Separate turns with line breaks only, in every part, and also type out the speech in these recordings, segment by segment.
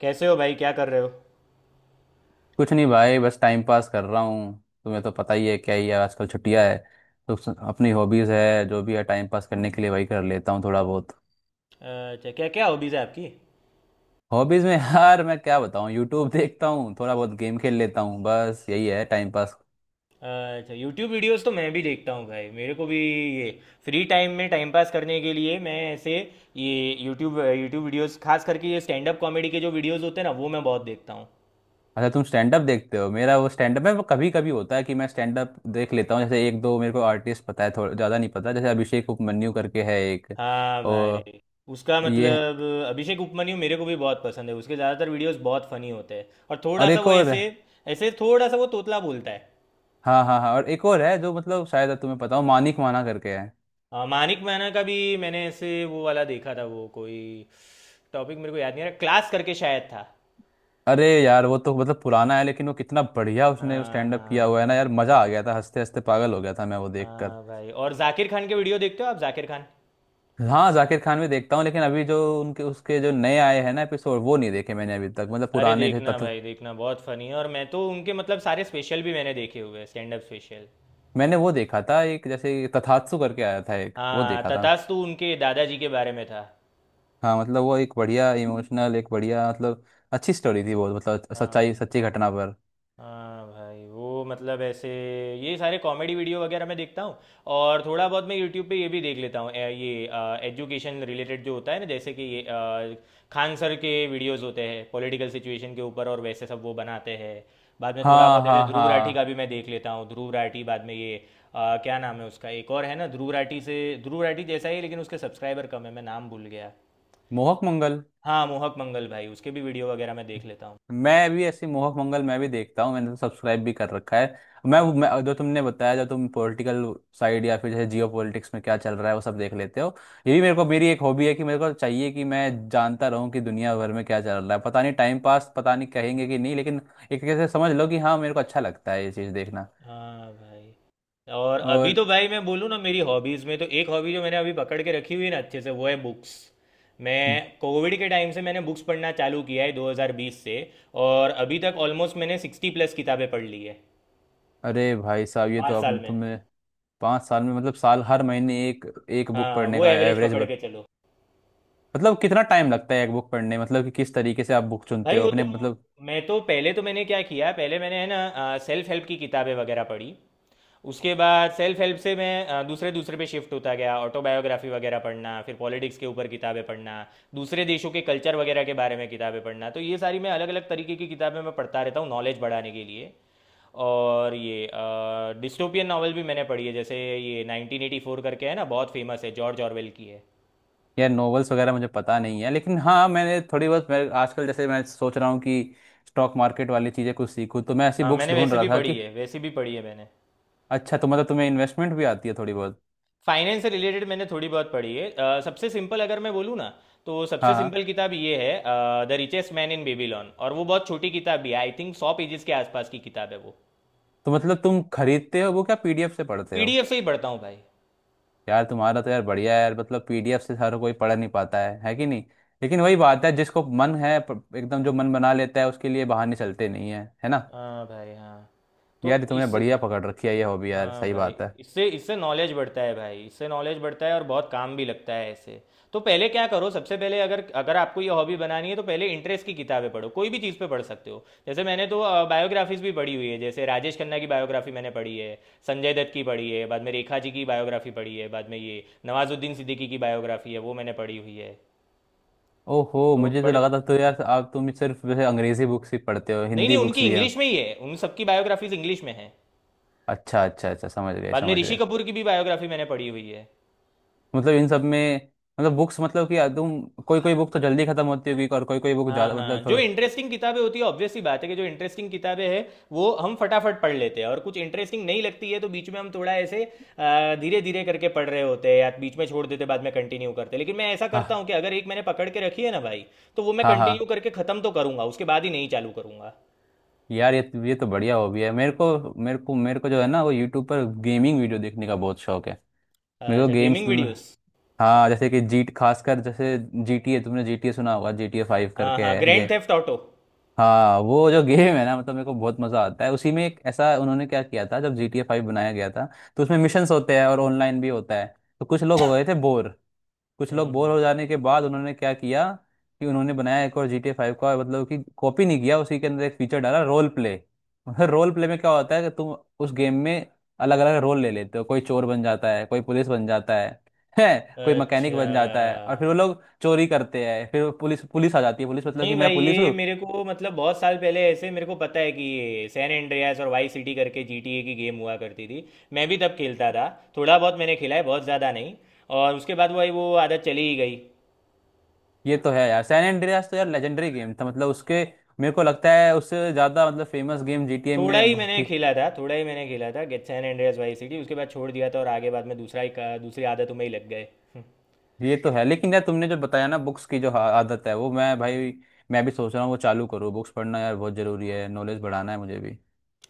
कैसे हो भाई? क्या कर रहे हो?
कुछ नहीं भाई, बस टाइम पास कर रहा हूँ। तुम्हें तो पता ही है क्या ही है, आजकल छुट्टियाँ है। तो अपनी हॉबीज़ है जो भी है, टाइम पास करने के लिए वही कर लेता हूँ थोड़ा बहुत।
अच्छा, क्या क्या हॉबीज़ है आपकी?
हॉबीज़ में यार मैं क्या बताऊँ, यूट्यूब देखता हूँ, थोड़ा बहुत गेम खेल लेता हूँ, बस यही है टाइम पास।
अच्छा, यूट्यूब वीडियोस तो मैं भी देखता हूँ भाई। मेरे को भी ये फ्री टाइम में टाइम पास करने के लिए मैं ऐसे ये यूट्यूब यूट्यूब वीडियोस, खास करके ये स्टैंड अप कॉमेडी के जो वीडियोस होते हैं ना, वो मैं बहुत देखता हूँ।
अच्छा तुम स्टैंड अप देखते हो? मेरा वो स्टैंड अप है, वो कभी कभी होता है कि मैं स्टैंड अप देख लेता हूँ। जैसे एक दो मेरे को आर्टिस्ट पता है, थोड़ा ज़्यादा नहीं पता। जैसे अभिषेक उपमन्यु करके है एक,
हाँ
और
भाई। उसका
ये,
मतलब। अभिषेक उपमन्यु मेरे को भी बहुत पसंद है, उसके ज़्यादातर वीडियोस बहुत फनी होते हैं। और थोड़ा
और
सा
एक
वो
और।
ऐसे, ऐसे थोड़ा सा वो तोतला बोलता है।
हाँ, हाँ, हाँ, और एक और है जो, मतलब शायद तुम्हें पता हो, मानिक माना करके है।
हाँ, मानिक मैना का भी मैंने ऐसे वो वाला देखा था, वो कोई टॉपिक मेरे को याद नहीं आ रहा, क्लास करके शायद था।
अरे यार वो तो मतलब पुराना है, लेकिन वो कितना बढ़िया उसने
हाँ,
स्टैंड अप
हाँ,
किया
हाँ।
हुआ है ना यार, मजा आ गया था, हंसते हंसते पागल हो गया था मैं वो देखकर।
हाँ भाई, और जाकिर खान के वीडियो देखते हो आप? जाकिर खान।
हाँ जाकिर खान भी देखता हूँ, लेकिन अभी जो उनके उसके जो नए आए हैं ना एपिसोड, वो नहीं देखे मैंने अभी तक। मतलब
अरे,
पुराने जैसे
देखना
तथ,
भाई, देखना, बहुत फनी है। और मैं तो उनके मतलब सारे स्पेशल भी मैंने देखे हुए हैं, स्टैंड अप स्पेशल।
मैंने वो देखा था एक, जैसे तथात्सु करके आया था एक, वो
हाँ,
देखा था।
तथास्तु उनके दादाजी के बारे में था।
हाँ मतलब वो एक बढ़िया इमोशनल, एक बढ़िया मतलब अच्छी स्टोरी थी वो, मतलब
हाँ,
सच्चाई, सच्ची घटना पर।
हाँ भाई, वो मतलब ऐसे, ये सारे कॉमेडी वीडियो वगैरह मैं देखता हूँ। और थोड़ा बहुत मैं यूट्यूब पे ये भी देख लेता हूँ, ये एजुकेशन रिलेटेड जो होता है ना, जैसे कि ये खान सर के वीडियोस होते हैं पॉलिटिकल सिचुएशन के ऊपर, और वैसे सब वो बनाते हैं। बाद में थोड़ा
हाँ,
बहुत ऐसे
हाँ,
ध्रुव राठी का
हाँ,
भी मैं देख लेता हूँ, ध्रुव राठी, बाद में ये क्या नाम है उसका, एक और है ना ध्रुव राठी से, ध्रुव राठी जैसा ही है, लेकिन उसके सब्सक्राइबर कम है, मैं नाम भूल गया।
मोहक मंगल।
हाँ, मोहक मंगल भाई, उसके भी वीडियो वगैरह मैं देख लेता हूँ।
मैं भी ऐसी, मोहक मंगल मैं भी देखता हूँ, मैंने तो सब्सक्राइब भी कर रखा है। मैं जो तुमने बताया, जो तुम पॉलिटिकल साइड या फिर जैसे जियो पॉलिटिक्स में क्या चल रहा है वो सब देख लेते हो। ये भी मेरे को, मेरी एक हॉबी है कि मेरे को चाहिए कि मैं जानता रहूँ कि दुनिया भर में क्या चल रहा है। पता नहीं टाइम पास पता नहीं कहेंगे कि नहीं, लेकिन एक तरीके से समझ लो कि हाँ, मेरे को अच्छा लगता है ये चीज़ देखना।
हाँ भाई, और अभी
और
तो भाई मैं बोलूँ ना, मेरी हॉबीज़ में तो एक हॉबी जो मैंने अभी पकड़ के रखी हुई है ना अच्छे से, वो है बुक्स। मैं कोविड के टाइम से मैंने बुक्स पढ़ना चालू किया है 2020 से। और अभी तक ऑलमोस्ट मैंने 60 प्लस किताबें पढ़ ली है
अरे भाई साहब ये तो
पाँच साल
अब
में
तुम्हें 5 साल में मतलब साल हर महीने एक, एक बुक
हाँ,
पढ़ने
वो
का
एवरेज
एवरेज
पकड़ के चलो।
मतलब कितना टाइम लगता है एक बुक पढ़ने, मतलब कि किस तरीके से आप बुक चुनते
भाई
हो
वो तो,
अपने मतलब।
मैं तो पहले तो मैंने क्या किया, पहले मैंने है ना सेल्फ हेल्प की किताबें वगैरह पढ़ी। उसके बाद सेल्फ हेल्प से मैं दूसरे दूसरे पे शिफ्ट होता गया, ऑटोबायोग्राफी वगैरह पढ़ना, फिर पॉलिटिक्स के ऊपर किताबें पढ़ना, दूसरे देशों के कल्चर वगैरह के बारे में किताबें पढ़ना। तो ये सारी मैं अलग अलग तरीके की किताबें मैं पढ़ता रहता हूँ नॉलेज बढ़ाने के लिए। और ये डिस्टोपियन नॉवल भी मैंने पढ़ी है, जैसे ये 1984 करके है ना, बहुत फेमस है, जॉर्ज ऑरवेल की है।
यार नॉवेल्स वगैरह मुझे पता नहीं है, लेकिन हाँ मैंने थोड़ी बहुत, मैं आजकल जैसे मैं सोच रहा हूँ कि स्टॉक मार्केट वाली चीज़ें कुछ सीखूँ, तो मैं ऐसी बुक्स
मैंने
ढूंढ
वैसे
रहा
भी
था कि।
पढ़ी है, वैसी भी पढ़ी है मैंने।
अच्छा तो मतलब तुम्हें इन्वेस्टमेंट भी आती है थोड़ी बहुत?
फाइनेंस से रिलेटेड मैंने थोड़ी बहुत पढ़ी है, सबसे सिंपल अगर मैं बोलूँ ना, तो सबसे
हाँ, हाँ।
सिंपल किताब ये है the richest man in Babylon, और वो बहुत छोटी किताब भी है, आई थिंक 100 पेजेस के आसपास की किताब है वो।
तो मतलब तुम खरीदते हो वो, क्या पीडीएफ से पढ़ते हो?
पीडीएफ से ही पढ़ता हूँ भाई।
यार तुम्हारा तो यार बढ़िया है यार, मतलब पीडीएफ से हर कोई पढ़ नहीं पाता है कि नहीं। लेकिन वही बात है, जिसको मन है एकदम जो मन बना लेता है, उसके लिए बहाने चलते नहीं है, है ना।
हाँ भाई, हाँ, तो
यार ये तुमने
इस।
बढ़िया पकड़ रखी है ये हॉबी यार,
हाँ
सही
भाई,
बात है।
इससे इससे नॉलेज बढ़ता है भाई, इससे नॉलेज बढ़ता है, और बहुत काम भी लगता है ऐसे। तो पहले क्या करो, सबसे पहले अगर अगर आपको ये हॉबी बनानी है तो पहले इंटरेस्ट की किताबें पढ़ो, कोई भी चीज़ पे पढ़ सकते हो। जैसे मैंने तो बायोग्राफीज भी पढ़ी हुई है, जैसे राजेश खन्ना की बायोग्राफी मैंने पढ़ी है। संजय दत्त की पढ़ी है, बाद में रेखा जी की बायोग्राफी पढ़ी है, बाद में ये नवाजुद्दीन सिद्दीकी की बायोग्राफी है वो मैंने पढ़ी हुई है।
ओहो
तो
मुझे तो
बड़े।
लगा था तो
हाँ।
यार, आप तुम सिर्फ वैसे अंग्रेजी बुक्स ही पढ़ते हो,
नहीं, नहीं,
हिंदी बुक्स
उनकी
भी हैं।
इंग्लिश में ही है, उन सबकी बायोग्राफीज इंग्लिश में है।
अच्छा, अच्छा, अच्छा, समझ गए,
बाद में
समझ
ऋषि
गए।
कपूर की भी बायोग्राफी मैंने पढ़ी हुई है।
मतलब इन सब में, मतलब बुक्स, मतलब कि यार तुम कोई कोई बुक तो जल्दी खत्म होती होगी, और कोई कोई बुक
हाँ,
ज़्यादा
हाँ,
मतलब
जो
थोड़ा।
इंटरेस्टिंग किताबें होती है, ऑब्वियस सी बात है कि जो इंटरेस्टिंग किताबें हैं वो हम फटाफट पढ़ लेते हैं, और कुछ इंटरेस्टिंग नहीं लगती है तो बीच में हम थोड़ा ऐसे धीरे धीरे करके पढ़ रहे होते हैं या बीच में छोड़ देते हैं, बाद में कंटिन्यू करते हैं। लेकिन मैं ऐसा करता
हाँ,
हूँ कि अगर एक मैंने पकड़ के रखी है ना भाई, तो वो मैं
हाँ, हाँ।
कंटिन्यू करके ख़त्म तो करूँगा, उसके बाद ही नहीं चालू करूँगा।
यार ये तो बढ़िया हॉबी है। मेरे को जो है ना, वो यूट्यूब पर गेमिंग वीडियो देखने का बहुत शौक है। मेरे को
अच्छा,
गेम्स,
गेमिंग वीडियोस।
हाँ जैसे कि जीट, खासकर जैसे जी टी ए, तुमने जी टी ए सुना होगा, जी टी ए 5
हाँ,
करके
हाँ,
है।
Grand theft auto.
हाँ वो जो गेम है ना, मतलब मेरे को बहुत मजा आता है। उसी में एक ऐसा उन्होंने क्या किया था, जब GTA 5 बनाया गया था, तो उसमें मिशंस होते हैं और ऑनलाइन भी होता है। तो कुछ लोग हो गए थे बोर, कुछ लोग बोर
हम्म।
हो जाने के बाद उन्होंने क्या किया, कि उन्होंने बनाया एक और GTA 5 का, मतलब कि कॉपी नहीं किया, उसी के अंदर एक फीचर डाला, रोल प्ले। मतलब रोल प्ले में क्या होता है कि तुम उस गेम में अलग अलग रोल ले लेते हो, कोई चोर बन जाता है, कोई पुलिस बन जाता है, है कोई मैकेनिक
अच्छा।
बन जाता है, और फिर वो लोग चोरी करते हैं, फिर वो पुलिस पुलिस आ जाती है, पुलिस मतलब कि
नहीं
मैं
भाई,
पुलिस
ये
हूँ।
मेरे को मतलब बहुत साल पहले ऐसे मेरे को पता है कि ये सैन एंड्रियास और वाई सिटी करके GTA की गेम हुआ करती थी। मैं भी तब खेलता था, थोड़ा बहुत मैंने खेला है, बहुत ज़्यादा नहीं। और उसके बाद भाई वो आदत चली ही गई।
ये तो है यार, सैन एंड्रियास तो यार लेजेंडरी गेम था, मतलब उसके, मेरे को लगता है उससे ज्यादा मतलब फेमस गेम जीटीए
थोड़ा
में
ही
बहुत
मैंने
थी।
खेला था, थोड़ा ही मैंने खेला था, गेट सैन एंड्रियास वाई सिटी, उसके बाद छोड़ दिया था। और आगे बाद में दूसरी आदतों में ही लग गए।
ये तो है, लेकिन यार तुमने जो बताया ना बुक्स की जो आदत है, वो मैं भाई, मैं भी सोच रहा हूँ वो चालू करूँ, बुक्स पढ़ना यार बहुत जरूरी है, नॉलेज बढ़ाना है मुझे भी।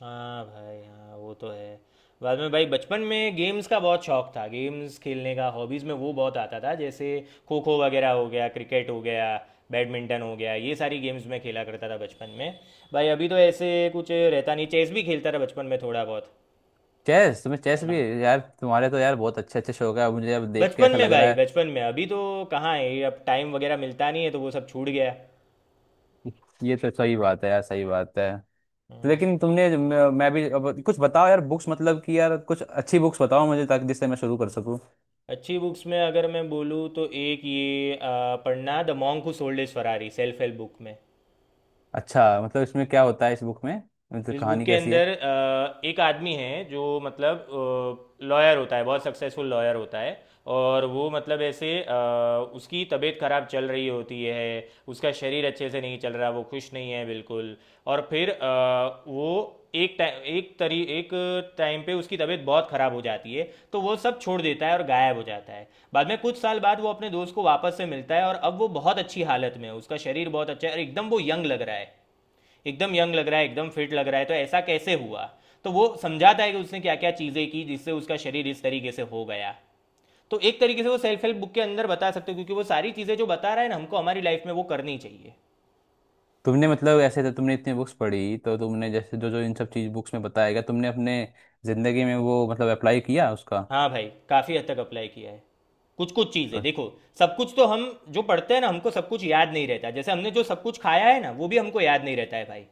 हाँ भाई, हाँ, वो तो है। बाद में भाई, बचपन में गेम्स का बहुत शौक था, गेम्स खेलने का, हॉबीज़ में वो बहुत आता था, जैसे खो खो वगैरह हो गया, क्रिकेट हो गया, बैडमिंटन हो गया, ये सारी गेम्स में खेला करता था बचपन में। भाई अभी तो ऐसे कुछ रहता नहीं, चेस भी खेलता था बचपन में थोड़ा बहुत।
चेस, तुम्हें चेस भी?
हाँ।
यार तुम्हारे तो यार बहुत अच्छे अच्छे शौक है, मुझे अब देख के
बचपन
ऐसा
में
लग रहा
भाई,
है।
बचपन में, अभी तो कहाँ है ये, अब टाइम वगैरह मिलता नहीं है तो वो सब छूट गया।
ये तो सही बात है यार, सही बात है।
हम्म।
लेकिन तुमने, मैं भी अब कुछ बताओ यार बुक्स, मतलब कि यार कुछ अच्छी बुक्स बताओ मुझे, ताकि जिससे मैं शुरू कर सकूँ।
अच्छी बुक्स में अगर मैं बोलूँ तो एक ये पढ़ना, the monk who sold his Ferrari, self help book में।
अच्छा, मतलब इसमें क्या होता है इस बुक में, मतलब
इस बुक
कहानी
के
कैसी है।
अंदर एक आदमी है जो मतलब लॉयर होता है, बहुत सक्सेसफुल लॉयर होता है। और वो मतलब ऐसे, उसकी तबीयत खराब चल रही होती है, उसका शरीर अच्छे से नहीं चल रहा, वो खुश नहीं है बिल्कुल। और फिर वो एक टाइम पे उसकी तबीयत बहुत खराब हो जाती है, तो वो सब छोड़ देता है और गायब हो जाता है। बाद में कुछ साल बाद वो अपने दोस्त को वापस से मिलता है, और अब वो बहुत अच्छी हालत में है, उसका शरीर बहुत अच्छा है, और एकदम वो यंग लग रहा है। एकदम यंग लग रहा है, एकदम फिट लग रहा है, तो ऐसा कैसे हुआ? तो वो समझाता है कि उसने क्या क्या चीज़ें की जिससे उसका शरीर इस तरीके से हो गया। तो एक तरीके से वो सेल्फ हेल्प बुक के अंदर बता सकते हो, क्योंकि वो सारी चीज़ें जो बता रहा है ना, हमको हमारी लाइफ में वो करनी चाहिए।
तुमने मतलब ऐसे तो तुमने इतनी बुक्स पढ़ी, तो तुमने जैसे जो जो इन सब चीज बुक्स में बताया गया, तुमने अपने जिंदगी में वो मतलब अप्लाई किया उसका?
हाँ भाई। काफ़ी हद तक अप्लाई किया है। कुछ कुछ चीज़ें
अ,
देखो। सब कुछ तो हम जो पढ़ते हैं ना, हमको सब कुछ याद नहीं रहता, जैसे हमने जो सब कुछ खाया है ना वो भी हमको याद नहीं रहता है भाई।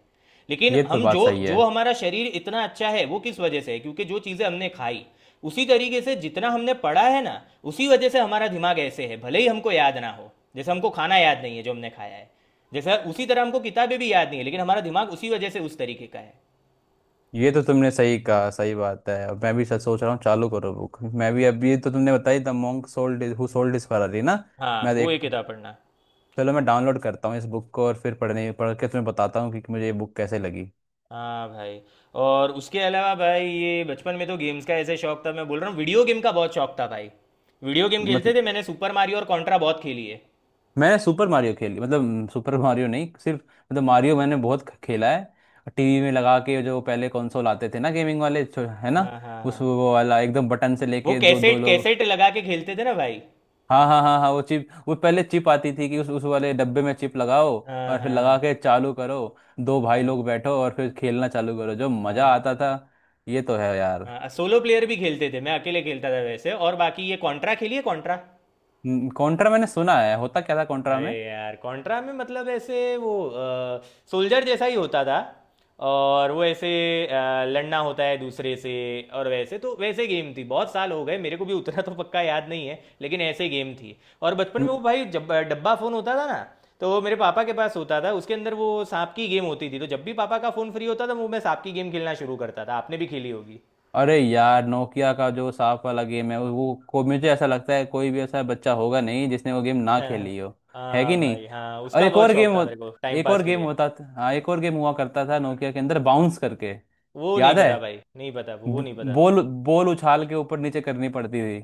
लेकिन
ये तो
हम
बात
जो,
सही है।
जो हमारा शरीर इतना अच्छा है वो किस वजह से है, क्योंकि जो चीज़ें हमने खाई, उसी तरीके से जितना हमने पढ़ा है ना, उसी वजह से हमारा दिमाग ऐसे है, भले ही हमको याद ना हो, जैसे हमको खाना याद नहीं है जो हमने खाया है। जैसे उसी तरह हमको किताबें भी याद नहीं है, लेकिन हमारा दिमाग उसी वजह से उस तरीके का है।
ये तो तुमने सही कहा, सही बात है। अब मैं भी सच सोच रहा हूँ चालू करो बुक, मैं भी। अभी तो तुमने बताई the monk sold, who sold his Ferrari ना।
हाँ,
मैं
वो एक
देख,
किताब पढ़ना।
चलो मैं डाउनलोड करता हूँ इस बुक को, और फिर पढ़ने, पढ़ के तुम्हें बताता हूँ कि मुझे ये बुक कैसे लगी।
हाँ भाई, और उसके अलावा भाई, ये बचपन में तो गेम्स का ऐसे शौक था, मैं बोल रहा हूँ वीडियो गेम का बहुत शौक था भाई। वीडियो गेम
मतलब
खेलते थे, मैंने सुपर मारियो और कॉन्ट्रा बहुत खेली है।
मैंने सुपर मारियो खेली, मतलब सुपर मारियो नहीं, सिर्फ मतलब मारियो मैंने बहुत खेला है। टीवी में लगा के जो पहले कंसोल आते थे ना, गेमिंग वाले है ना,
हाँ, हाँ,
उस
हाँ।
वो वाला एकदम बटन से
वो
लेके दो दो
कैसेट
लोग।
कैसेट लगा के खेलते थे ना भाई?
हाँ, हाँ, हाँ, हाँ, वो चिप, वो पहले चिप आती थी कि उस वाले डब्बे में चिप लगाओ
हाँ,
और फिर
हाँ, हाँ,
लगा के चालू करो, दो भाई
हाँ।
लोग बैठो और फिर खेलना चालू करो, जो मजा
हाँ
आता था।
भाई।
ये तो है यार।
हाँ, सोलो प्लेयर भी खेलते थे, मैं अकेले खेलता था वैसे, और बाकी ये कॉन्ट्रा खेलिए, कॉन्ट्रा।
कॉन्ट्रा, मैंने सुना है, होता क्या था कॉन्ट्रा
अरे
में?
यार, कॉन्ट्रा में मतलब ऐसे वो सोल्जर जैसा ही होता था, और वो ऐसे लड़ना होता है दूसरे से। और वैसे तो वैसे गेम थी, बहुत साल हो गए, मेरे को भी उतना तो पक्का याद नहीं है, लेकिन ऐसे गेम थी। और बचपन में वो भाई, जब डब्बा फ़ोन होता था ना, तो वो मेरे पापा के पास होता था, उसके अंदर वो सांप की गेम होती थी, तो जब भी पापा का फ़ोन फ्री होता था, वो मैं सांप की गेम खेलना शुरू करता था, आपने भी खेली होगी।
अरे यार, नोकिया का जो सांप वाला गेम है वो को, मुझे ऐसा लगता है कोई भी ऐसा बच्चा होगा नहीं जिसने वो गेम ना
हाँ,
खेली हो। है कि
हाँ
नहीं।
भाई, हाँ,
और
उसका
एक
बहुत
और
शौक था मेरे को टाइम
एक
पास
और
के
गेम
लिए।
होता था, हाँ एक और गेम हुआ करता था नोकिया के अंदर बाउंस करके।
वो नहीं
याद है?
पता भाई, नहीं पता, वो
ब-
नहीं पता।
बॉल, बॉल उछाल के ऊपर नीचे करनी पड़ती थी।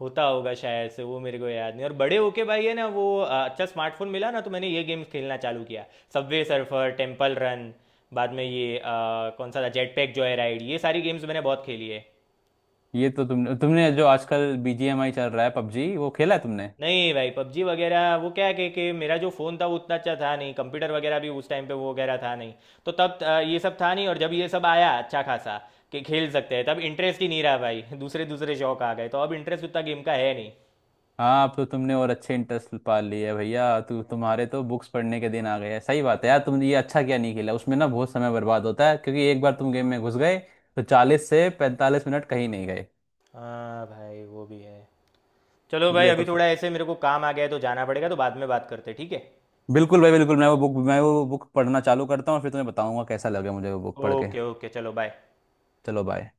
होता होगा शायद से, वो मेरे को याद नहीं। और बड़े होके भाई है ना, वो अच्छा स्मार्टफोन मिला ना, तो मैंने ये गेम्स खेलना चालू किया, सबवे सर्फर, टेम्पल रन। बाद में ये कौन सा था, जेट पैक जॉय राइड, ये सारी गेम्स मैंने बहुत खेली है।
ये तो तुमने, तुमने जो आजकल बीजीएमआई चल रहा है, पबजी, वो खेला है तुमने?
नहीं भाई, पबजी वगैरह वो क्या है कि मेरा जो फ़ोन था वो उतना अच्छा था नहीं, कंप्यूटर वगैरह भी उस टाइम पे वो वगैरह था नहीं। तो तब ये सब था नहीं, और जब ये सब आया अच्छा खासा कि खेल सकते हैं, तब इंटरेस्ट ही नहीं रहा भाई। दूसरे दूसरे शौक आ गए, तो अब इंटरेस्ट उतना गेम का है नहीं।
हाँ अब तो तुमने और अच्छे इंटरेस्ट पा लिए है भैया, तू
हम्म,
तुम्हारे तो बुक्स पढ़ने के दिन आ गए हैं। सही बात है यार,
हम्म,
तुमने ये अच्छा क्या नहीं खेला, उसमें ना बहुत समय बर्बाद होता है, क्योंकि एक बार तुम
हम्म।
गेम में घुस गए तो 40 से 45 मिनट कहीं नहीं गए।
हाँ भाई, वो भी है। चलो भाई,
ये तो
अभी थोड़ा ऐसे मेरे को काम आ गया है तो जाना पड़ेगा, तो बाद में बात करते हैं, ठीक है?
बिल्कुल भाई बिल्कुल, मैं वो बुक पढ़ना चालू करता हूँ और फिर तुम्हें बताऊंगा कैसा लगे मुझे वो बुक पढ़ के।
ओके, ओके, चलो, बाय।
चलो बाय।